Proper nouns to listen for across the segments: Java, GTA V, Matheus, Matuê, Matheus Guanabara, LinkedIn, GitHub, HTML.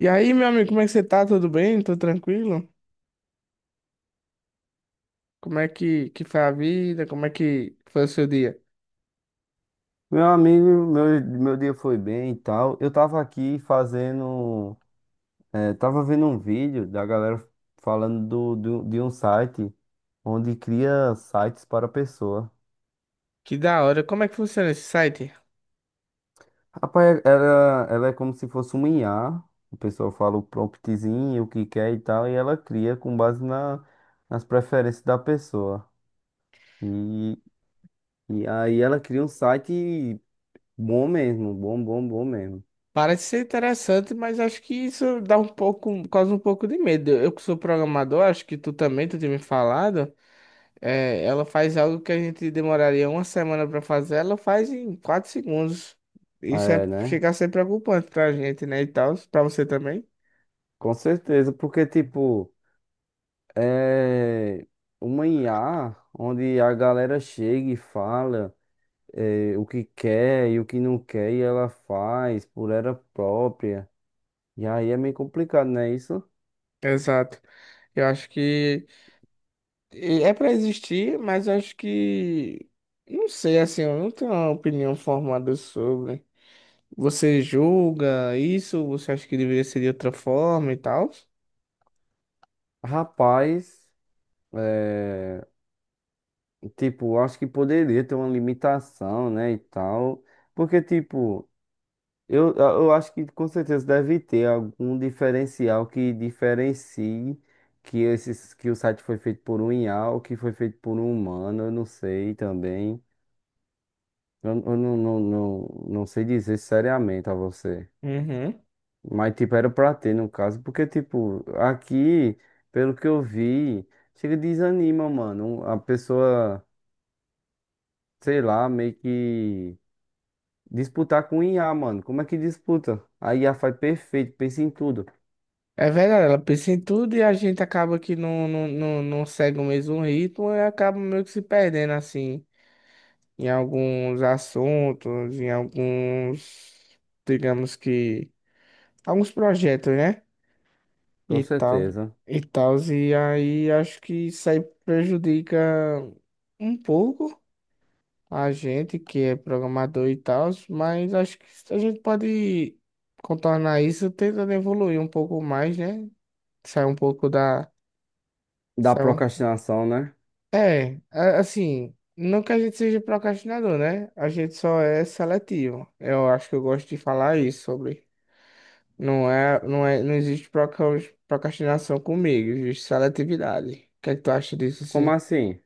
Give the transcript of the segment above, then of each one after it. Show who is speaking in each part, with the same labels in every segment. Speaker 1: E aí, meu amigo, como é que você tá? Tudo bem? Tudo tranquilo? Como é que foi a vida? Como é que foi o seu dia?
Speaker 2: Meu amigo, meu dia foi bem e tal. Eu tava aqui fazendo. Tava vendo um vídeo da galera falando de um site onde cria sites para a pessoa.
Speaker 1: Que da hora. Como é que funciona esse site?
Speaker 2: Rapaz, ela é como se fosse uma IA. A pessoa fala o promptzinho, o que quer e tal, e ela cria com base na, nas preferências da pessoa. E, e aí ela cria um site bom mesmo, bom, bom, bom mesmo.
Speaker 1: Parece ser interessante, mas acho que isso dá um pouco, causa um pouco de medo. Eu que sou programador, acho que tu também, tu tinha me falado, é, ela faz algo que a gente demoraria uma semana pra fazer, ela faz em quatro segundos. Isso é,
Speaker 2: É, né?
Speaker 1: chega a ser preocupante pra gente, né, e tal, pra você também.
Speaker 2: Com certeza, porque tipo. É uma IA onde a galera chega e fala é, o que quer e o que não quer e ela faz por ela própria. E aí é meio complicado, né? Isso,
Speaker 1: Exato. Eu acho que é para existir, mas eu acho que. Não sei, assim, eu não tenho uma opinião formada sobre. Você julga isso? Você acha que deveria ser de outra forma e tal?
Speaker 2: rapaz, tipo, acho que poderia ter uma limitação, né? E tal, porque, tipo, eu acho que com certeza deve ter algum diferencial que diferencie. Que, esses, que o site foi feito por um IA ou que foi feito por um humano, eu não sei também. Eu não, não sei dizer seriamente a você.
Speaker 1: Uhum.
Speaker 2: Mas, tipo, era pra ter, no caso. Porque, tipo, aqui, pelo que eu vi, chega e desanima, mano. A pessoa, sei lá, meio que disputar com IA, mano. Como é que disputa? A IA faz perfeito, pensa em tudo.
Speaker 1: É verdade, ela pensa em tudo e a gente acaba que não segue o mesmo ritmo e acaba meio que se perdendo, assim, em alguns assuntos, em alguns, digamos que, alguns projetos, né?
Speaker 2: Com
Speaker 1: E tal,
Speaker 2: certeza.
Speaker 1: e aí acho que isso aí prejudica um pouco a gente que é programador e tal, mas acho que a gente pode contornar isso tentando evoluir um pouco mais, né? Sair um pouco da,
Speaker 2: Da
Speaker 1: sair um-
Speaker 2: procrastinação, né?
Speaker 1: é, assim, não que a gente seja procrastinador, né? A gente só é seletivo. Eu acho que eu gosto de falar isso sobre. Não é, não existe procrastinação comigo, existe seletividade. O que é que tu acha disso,
Speaker 2: Como
Speaker 1: assim?
Speaker 2: assim?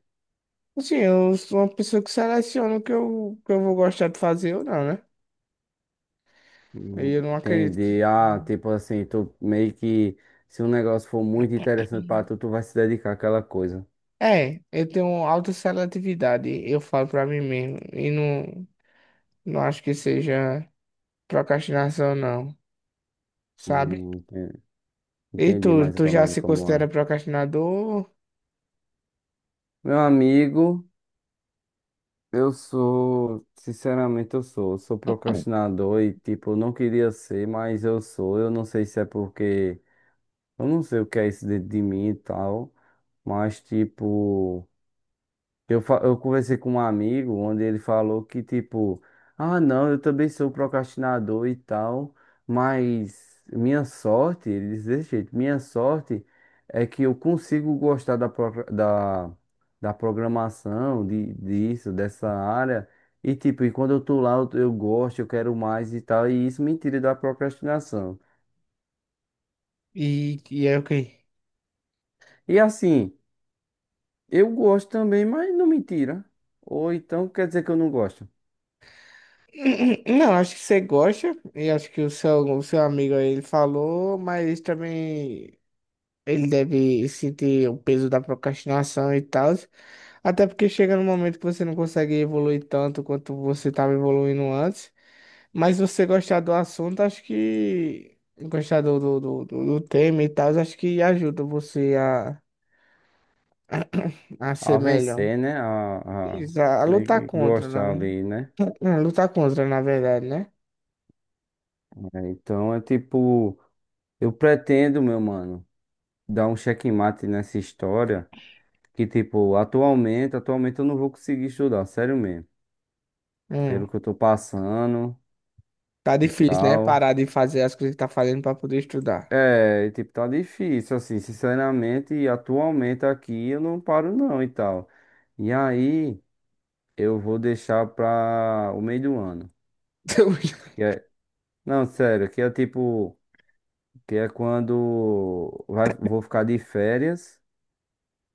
Speaker 1: Assim, eu sou uma pessoa que seleciona o que eu vou gostar de fazer ou não, né? Aí eu não acredito que...
Speaker 2: Entender. Ah, tipo assim, tu meio que. Se um negócio for muito interessante pra tu, tu vai se dedicar àquela coisa.
Speaker 1: É, eu tenho alta seletividade, eu falo pra mim mesmo. E não, não acho que seja procrastinação, não. Sabe?
Speaker 2: Hum, enten-
Speaker 1: E tu,
Speaker 2: Entendi mais
Speaker 1: tu
Speaker 2: ou
Speaker 1: já
Speaker 2: menos
Speaker 1: se
Speaker 2: como
Speaker 1: considera
Speaker 2: é.
Speaker 1: procrastinador?
Speaker 2: Meu amigo, sinceramente eu sou procrastinador e tipo, eu não queria ser, mas eu sou. Eu não sei se é porque, eu não sei o que é isso dentro de mim e tal, mas tipo. Eu conversei com um amigo onde ele falou que, tipo, ah, não, eu também sou procrastinador e tal, mas minha sorte, ele diz desse jeito, minha sorte é que eu consigo gostar da da, programação, disso, dessa área, e, tipo, e quando eu tô lá, eu gosto, eu quero mais e tal, e isso me tira da procrastinação.
Speaker 1: E é o quê?
Speaker 2: E assim, eu gosto também, mas não me tira. Ou então quer dizer que eu não gosto.
Speaker 1: Não, acho que você gosta, e acho que o seu amigo aí ele falou, mas também ele deve sentir o peso da procrastinação e tal. Até porque chega num momento que você não consegue evoluir tanto quanto você estava evoluindo antes. Mas se você gostar do assunto, acho que gostar do tema e tal, acho que ajuda você a, a ser
Speaker 2: A
Speaker 1: melhor.
Speaker 2: vencer, né? A meio
Speaker 1: Lutar
Speaker 2: que
Speaker 1: contra,
Speaker 2: gostar
Speaker 1: né?
Speaker 2: ali, né?
Speaker 1: Lutar contra, na verdade, né?
Speaker 2: É, então é tipo, eu pretendo, meu mano, dar um checkmate nessa história. Que tipo, atualmente eu não vou conseguir estudar, sério mesmo.
Speaker 1: Hum.
Speaker 2: Pelo que eu tô passando
Speaker 1: Tá
Speaker 2: e
Speaker 1: difícil, né?
Speaker 2: tal.
Speaker 1: Parar de fazer as coisas que tá fazendo pra poder estudar.
Speaker 2: É, e, tipo, tá difícil, assim, sinceramente, e atualmente aqui eu não paro não e tal. E aí, eu vou deixar pra o meio do ano. Que é, não, sério, que é tipo. Que é quando vou ficar de férias.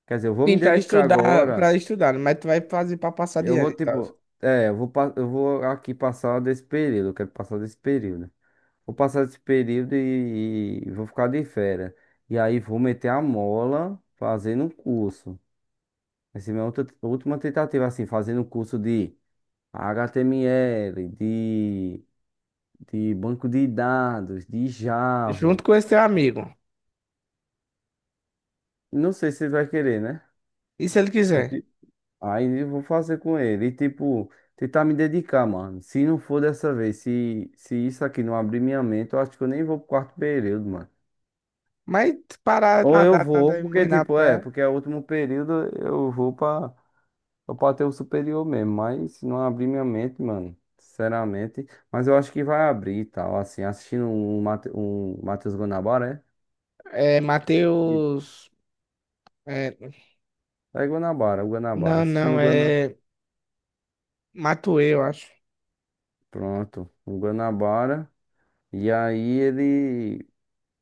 Speaker 2: Quer dizer, eu vou me
Speaker 1: Sim,
Speaker 2: dedicar agora.
Speaker 1: pra estudar, mas tu vai fazer pra passar de
Speaker 2: Eu
Speaker 1: ano
Speaker 2: vou,
Speaker 1: e tal.
Speaker 2: tipo, é, eu vou, pa- eu vou aqui passar desse período. Eu quero passar desse período. Vou passar desse período e vou ficar de férias. E aí vou meter a mola fazendo um curso. Essa é minha outra, última tentativa, assim, fazendo um curso de HTML, de banco de dados, de
Speaker 1: Junto
Speaker 2: Java.
Speaker 1: com esse teu amigo.
Speaker 2: Não sei se você vai querer, né?
Speaker 1: E se ele quiser?
Speaker 2: Aí eu vou fazer com ele. E tipo, tentar me dedicar, mano. Se não for dessa vez, se isso aqui não abrir minha mente, eu acho que eu nem vou pro quarto período, mano.
Speaker 1: Mas parar,
Speaker 2: Ou eu
Speaker 1: nadar,
Speaker 2: vou,
Speaker 1: nada e
Speaker 2: porque
Speaker 1: morrer na
Speaker 2: tipo, é,
Speaker 1: praia.
Speaker 2: porque é o último período, eu vou pra, eu pra ter o superior mesmo. Mas se não abrir minha mente, mano, sinceramente. Mas eu acho que vai abrir e tal, assim, assistindo um Matheus Guanabara,
Speaker 1: É,
Speaker 2: é?
Speaker 1: Matheus. É,
Speaker 2: É Guanabara, o Guanabara.
Speaker 1: não,
Speaker 2: Assistindo
Speaker 1: não,
Speaker 2: o Guanabara.
Speaker 1: é. Matuê, eu acho.
Speaker 2: Pronto, o Guanabara. E aí ele.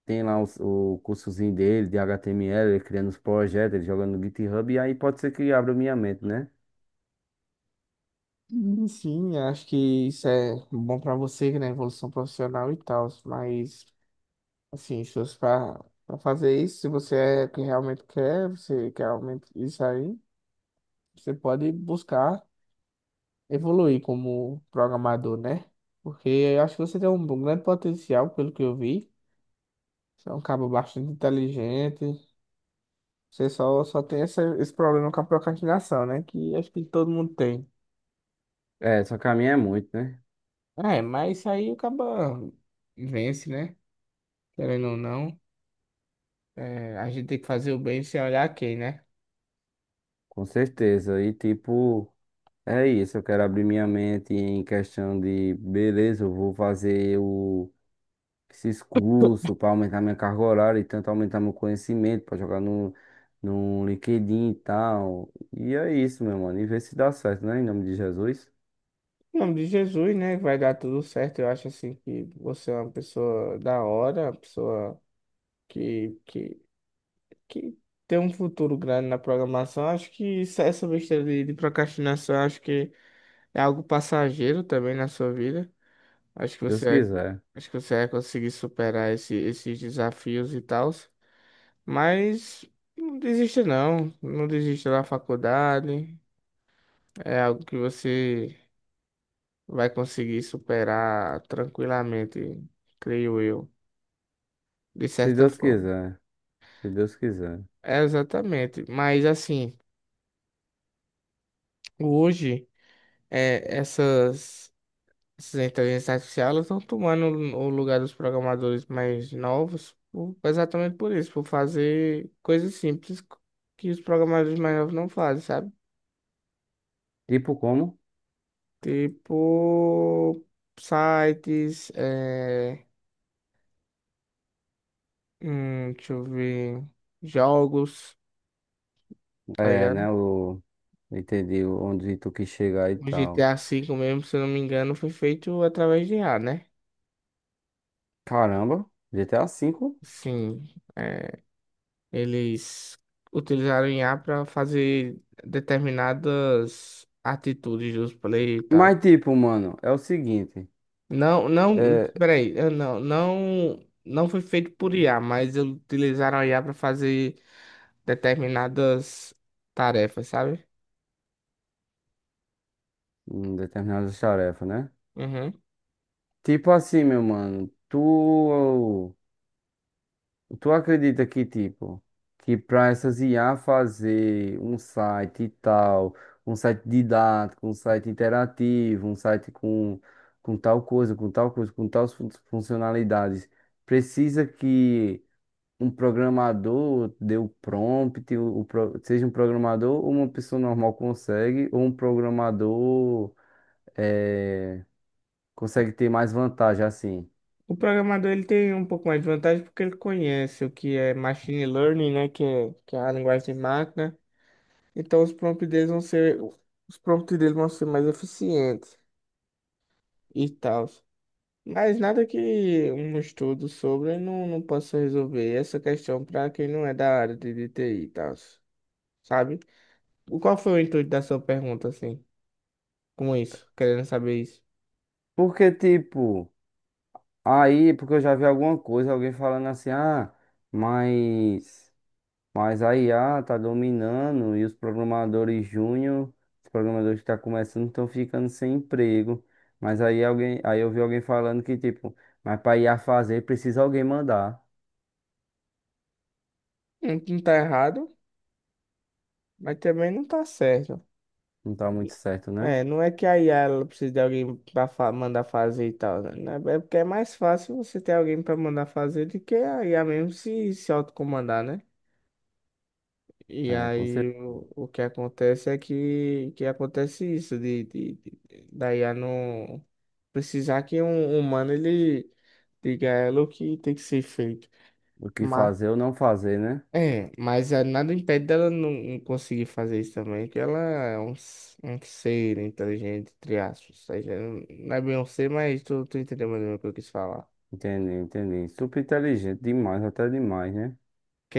Speaker 2: Tem lá o cursozinho dele de HTML, ele criando os projetos, ele jogando no GitHub, e aí pode ser que abra minha mente, né?
Speaker 1: Sim, sim, acho que isso é bom pra você, né? Evolução profissional e tal, mas. Assim, esforço para fazer isso. Se você é que realmente quer, você quer realmente isso aí, você pode buscar evoluir como programador, né? Porque eu acho que você tem um grande potencial, pelo que eu vi. Você é um cabo bastante inteligente. Você só tem esse problema com a procrastinação, né? Que acho que todo mundo tem.
Speaker 2: É, só que a minha é muito, né?
Speaker 1: É, mas isso aí acaba vence, né? Querendo ou não, é, a gente tem que fazer o bem sem olhar quem, né?
Speaker 2: Com certeza. E tipo, é isso. Eu quero abrir minha mente em questão de, beleza, eu vou fazer o, esses cursos para aumentar minha carga horária e tanto aumentar meu conhecimento, para jogar no LinkedIn e tal. E é isso, meu mano. E ver se dá certo, né? Em nome de Jesus.
Speaker 1: Em nome de Jesus, né? Vai dar tudo certo. Eu acho assim que você é uma pessoa da hora, uma pessoa que, que, que tem um futuro grande na programação. Acho que é essa besteira de procrastinação, acho que é algo passageiro também na sua vida. Acho que
Speaker 2: Se Deus quiser.
Speaker 1: acho que você vai conseguir superar esses desafios e tal. Mas não desista não, não desista da faculdade. É algo que você vai conseguir superar tranquilamente, creio eu, de
Speaker 2: Se
Speaker 1: certa
Speaker 2: Deus
Speaker 1: forma.
Speaker 2: quiser. Se Deus quiser.
Speaker 1: É exatamente, mas assim, hoje é, essas inteligências artificiais elas estão tomando o lugar dos programadores mais novos, exatamente por isso, por fazer coisas simples que os programadores mais novos não fazem, sabe?
Speaker 2: Tipo como?
Speaker 1: Tipo sites, é, deixa eu ver, jogos, tá
Speaker 2: É,
Speaker 1: ligado?
Speaker 2: né? O. Entendi onde tu quis chegar e
Speaker 1: O G T
Speaker 2: tal.
Speaker 1: A V mesmo, se eu não me engano, foi feito através de IA, né?
Speaker 2: Caramba, GTA V.
Speaker 1: Sim, é, eles utilizaram IA para fazer determinadas atitudes dos players e tal.
Speaker 2: Mas tipo, mano, é o seguinte.
Speaker 1: Não, não,
Speaker 2: É.
Speaker 1: peraí, eu não, não foi feito por IA, mas eles utilizaram a IA para fazer determinadas tarefas, sabe?
Speaker 2: Determinadas tarefas, né?
Speaker 1: Uhum.
Speaker 2: Tipo assim, meu mano. Tu. Tu acredita que, tipo, que para essas IA fazer um site e tal, um site didático, um site interativo, um site com tal coisa, com tal coisa, com tais funcionalidades, precisa que um programador dê o prompt, seja um programador ou uma pessoa normal consegue, ou um programador eh, consegue ter mais vantagem assim.
Speaker 1: O programador ele tem um pouco mais de vantagem porque ele conhece o que é machine learning, né? Que é a linguagem de máquina. Então os prompts deles vão ser mais eficientes e tal. Mas nada que um estudo sobre não, não possa resolver essa questão para quem não é da área de TI e tal, sabe? Qual foi o intuito da sua pergunta, assim, com isso, querendo saber isso?
Speaker 2: Porque, tipo. Aí, porque eu já vi alguma coisa, alguém falando assim, ah, mas, mas a IA tá dominando e os programadores júnior, os programadores que tá começando estão ficando sem emprego. Mas aí alguém, aí eu vi alguém falando que, tipo, mas pra IA fazer precisa alguém mandar.
Speaker 1: Não, não tá errado, mas também não tá certo.
Speaker 2: Não tá muito certo, né?
Speaker 1: É, não é que a IA ela precisa de alguém para mandar fazer e tal, né? É porque é mais fácil você ter alguém para mandar fazer do que a IA mesmo se autocomandar, né? E
Speaker 2: É, com
Speaker 1: aí
Speaker 2: certeza.
Speaker 1: o que acontece é que acontece isso, da IA não precisar que um humano ele diga a ela o que tem que ser feito.
Speaker 2: O que
Speaker 1: Mas,
Speaker 2: fazer ou não fazer, né?
Speaker 1: mas é, nada impede dela não conseguir fazer isso também, que ela é um, um ser inteligente, entre aspas. Ou seja, não é bem um ser, mas tu entendeu mais ou menos o que eu quis falar.
Speaker 2: Entendi, entendi. Super inteligente, demais, até demais, né?
Speaker 1: Ok,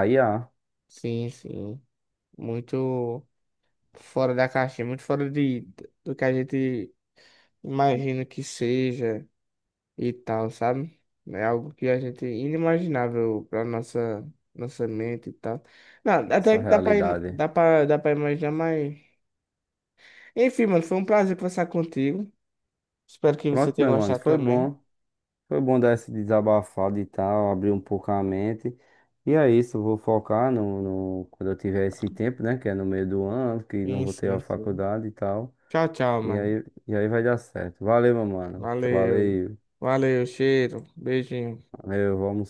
Speaker 2: A IA,
Speaker 1: sim, sim. Muito fora da caixinha, muito fora de, do que a gente imagino que seja e tal, sabe? É algo que a gente inimaginável para nossa mente e tal. Não, até
Speaker 2: nossa
Speaker 1: que
Speaker 2: realidade.
Speaker 1: dá para imaginar, mas enfim, mano, foi um prazer conversar contigo. Espero que você
Speaker 2: Pronto,
Speaker 1: tenha
Speaker 2: meu mano,
Speaker 1: gostado
Speaker 2: foi
Speaker 1: também.
Speaker 2: bom. Foi bom dar esse desabafado e tal, abrir um pouco a mente. E é isso, eu vou focar quando eu tiver esse tempo, né? Que é no meio do ano, que não
Speaker 1: Sim,
Speaker 2: vou ter
Speaker 1: sim,
Speaker 2: a
Speaker 1: sim.
Speaker 2: faculdade e tal.
Speaker 1: Tchau, tchau,
Speaker 2: E
Speaker 1: mano.
Speaker 2: aí, e aí vai dar certo. Valeu, meu mano.
Speaker 1: Valeu.
Speaker 2: Valeu.
Speaker 1: Valeu, cheiro. Beijinho.
Speaker 2: Valeu, vamos.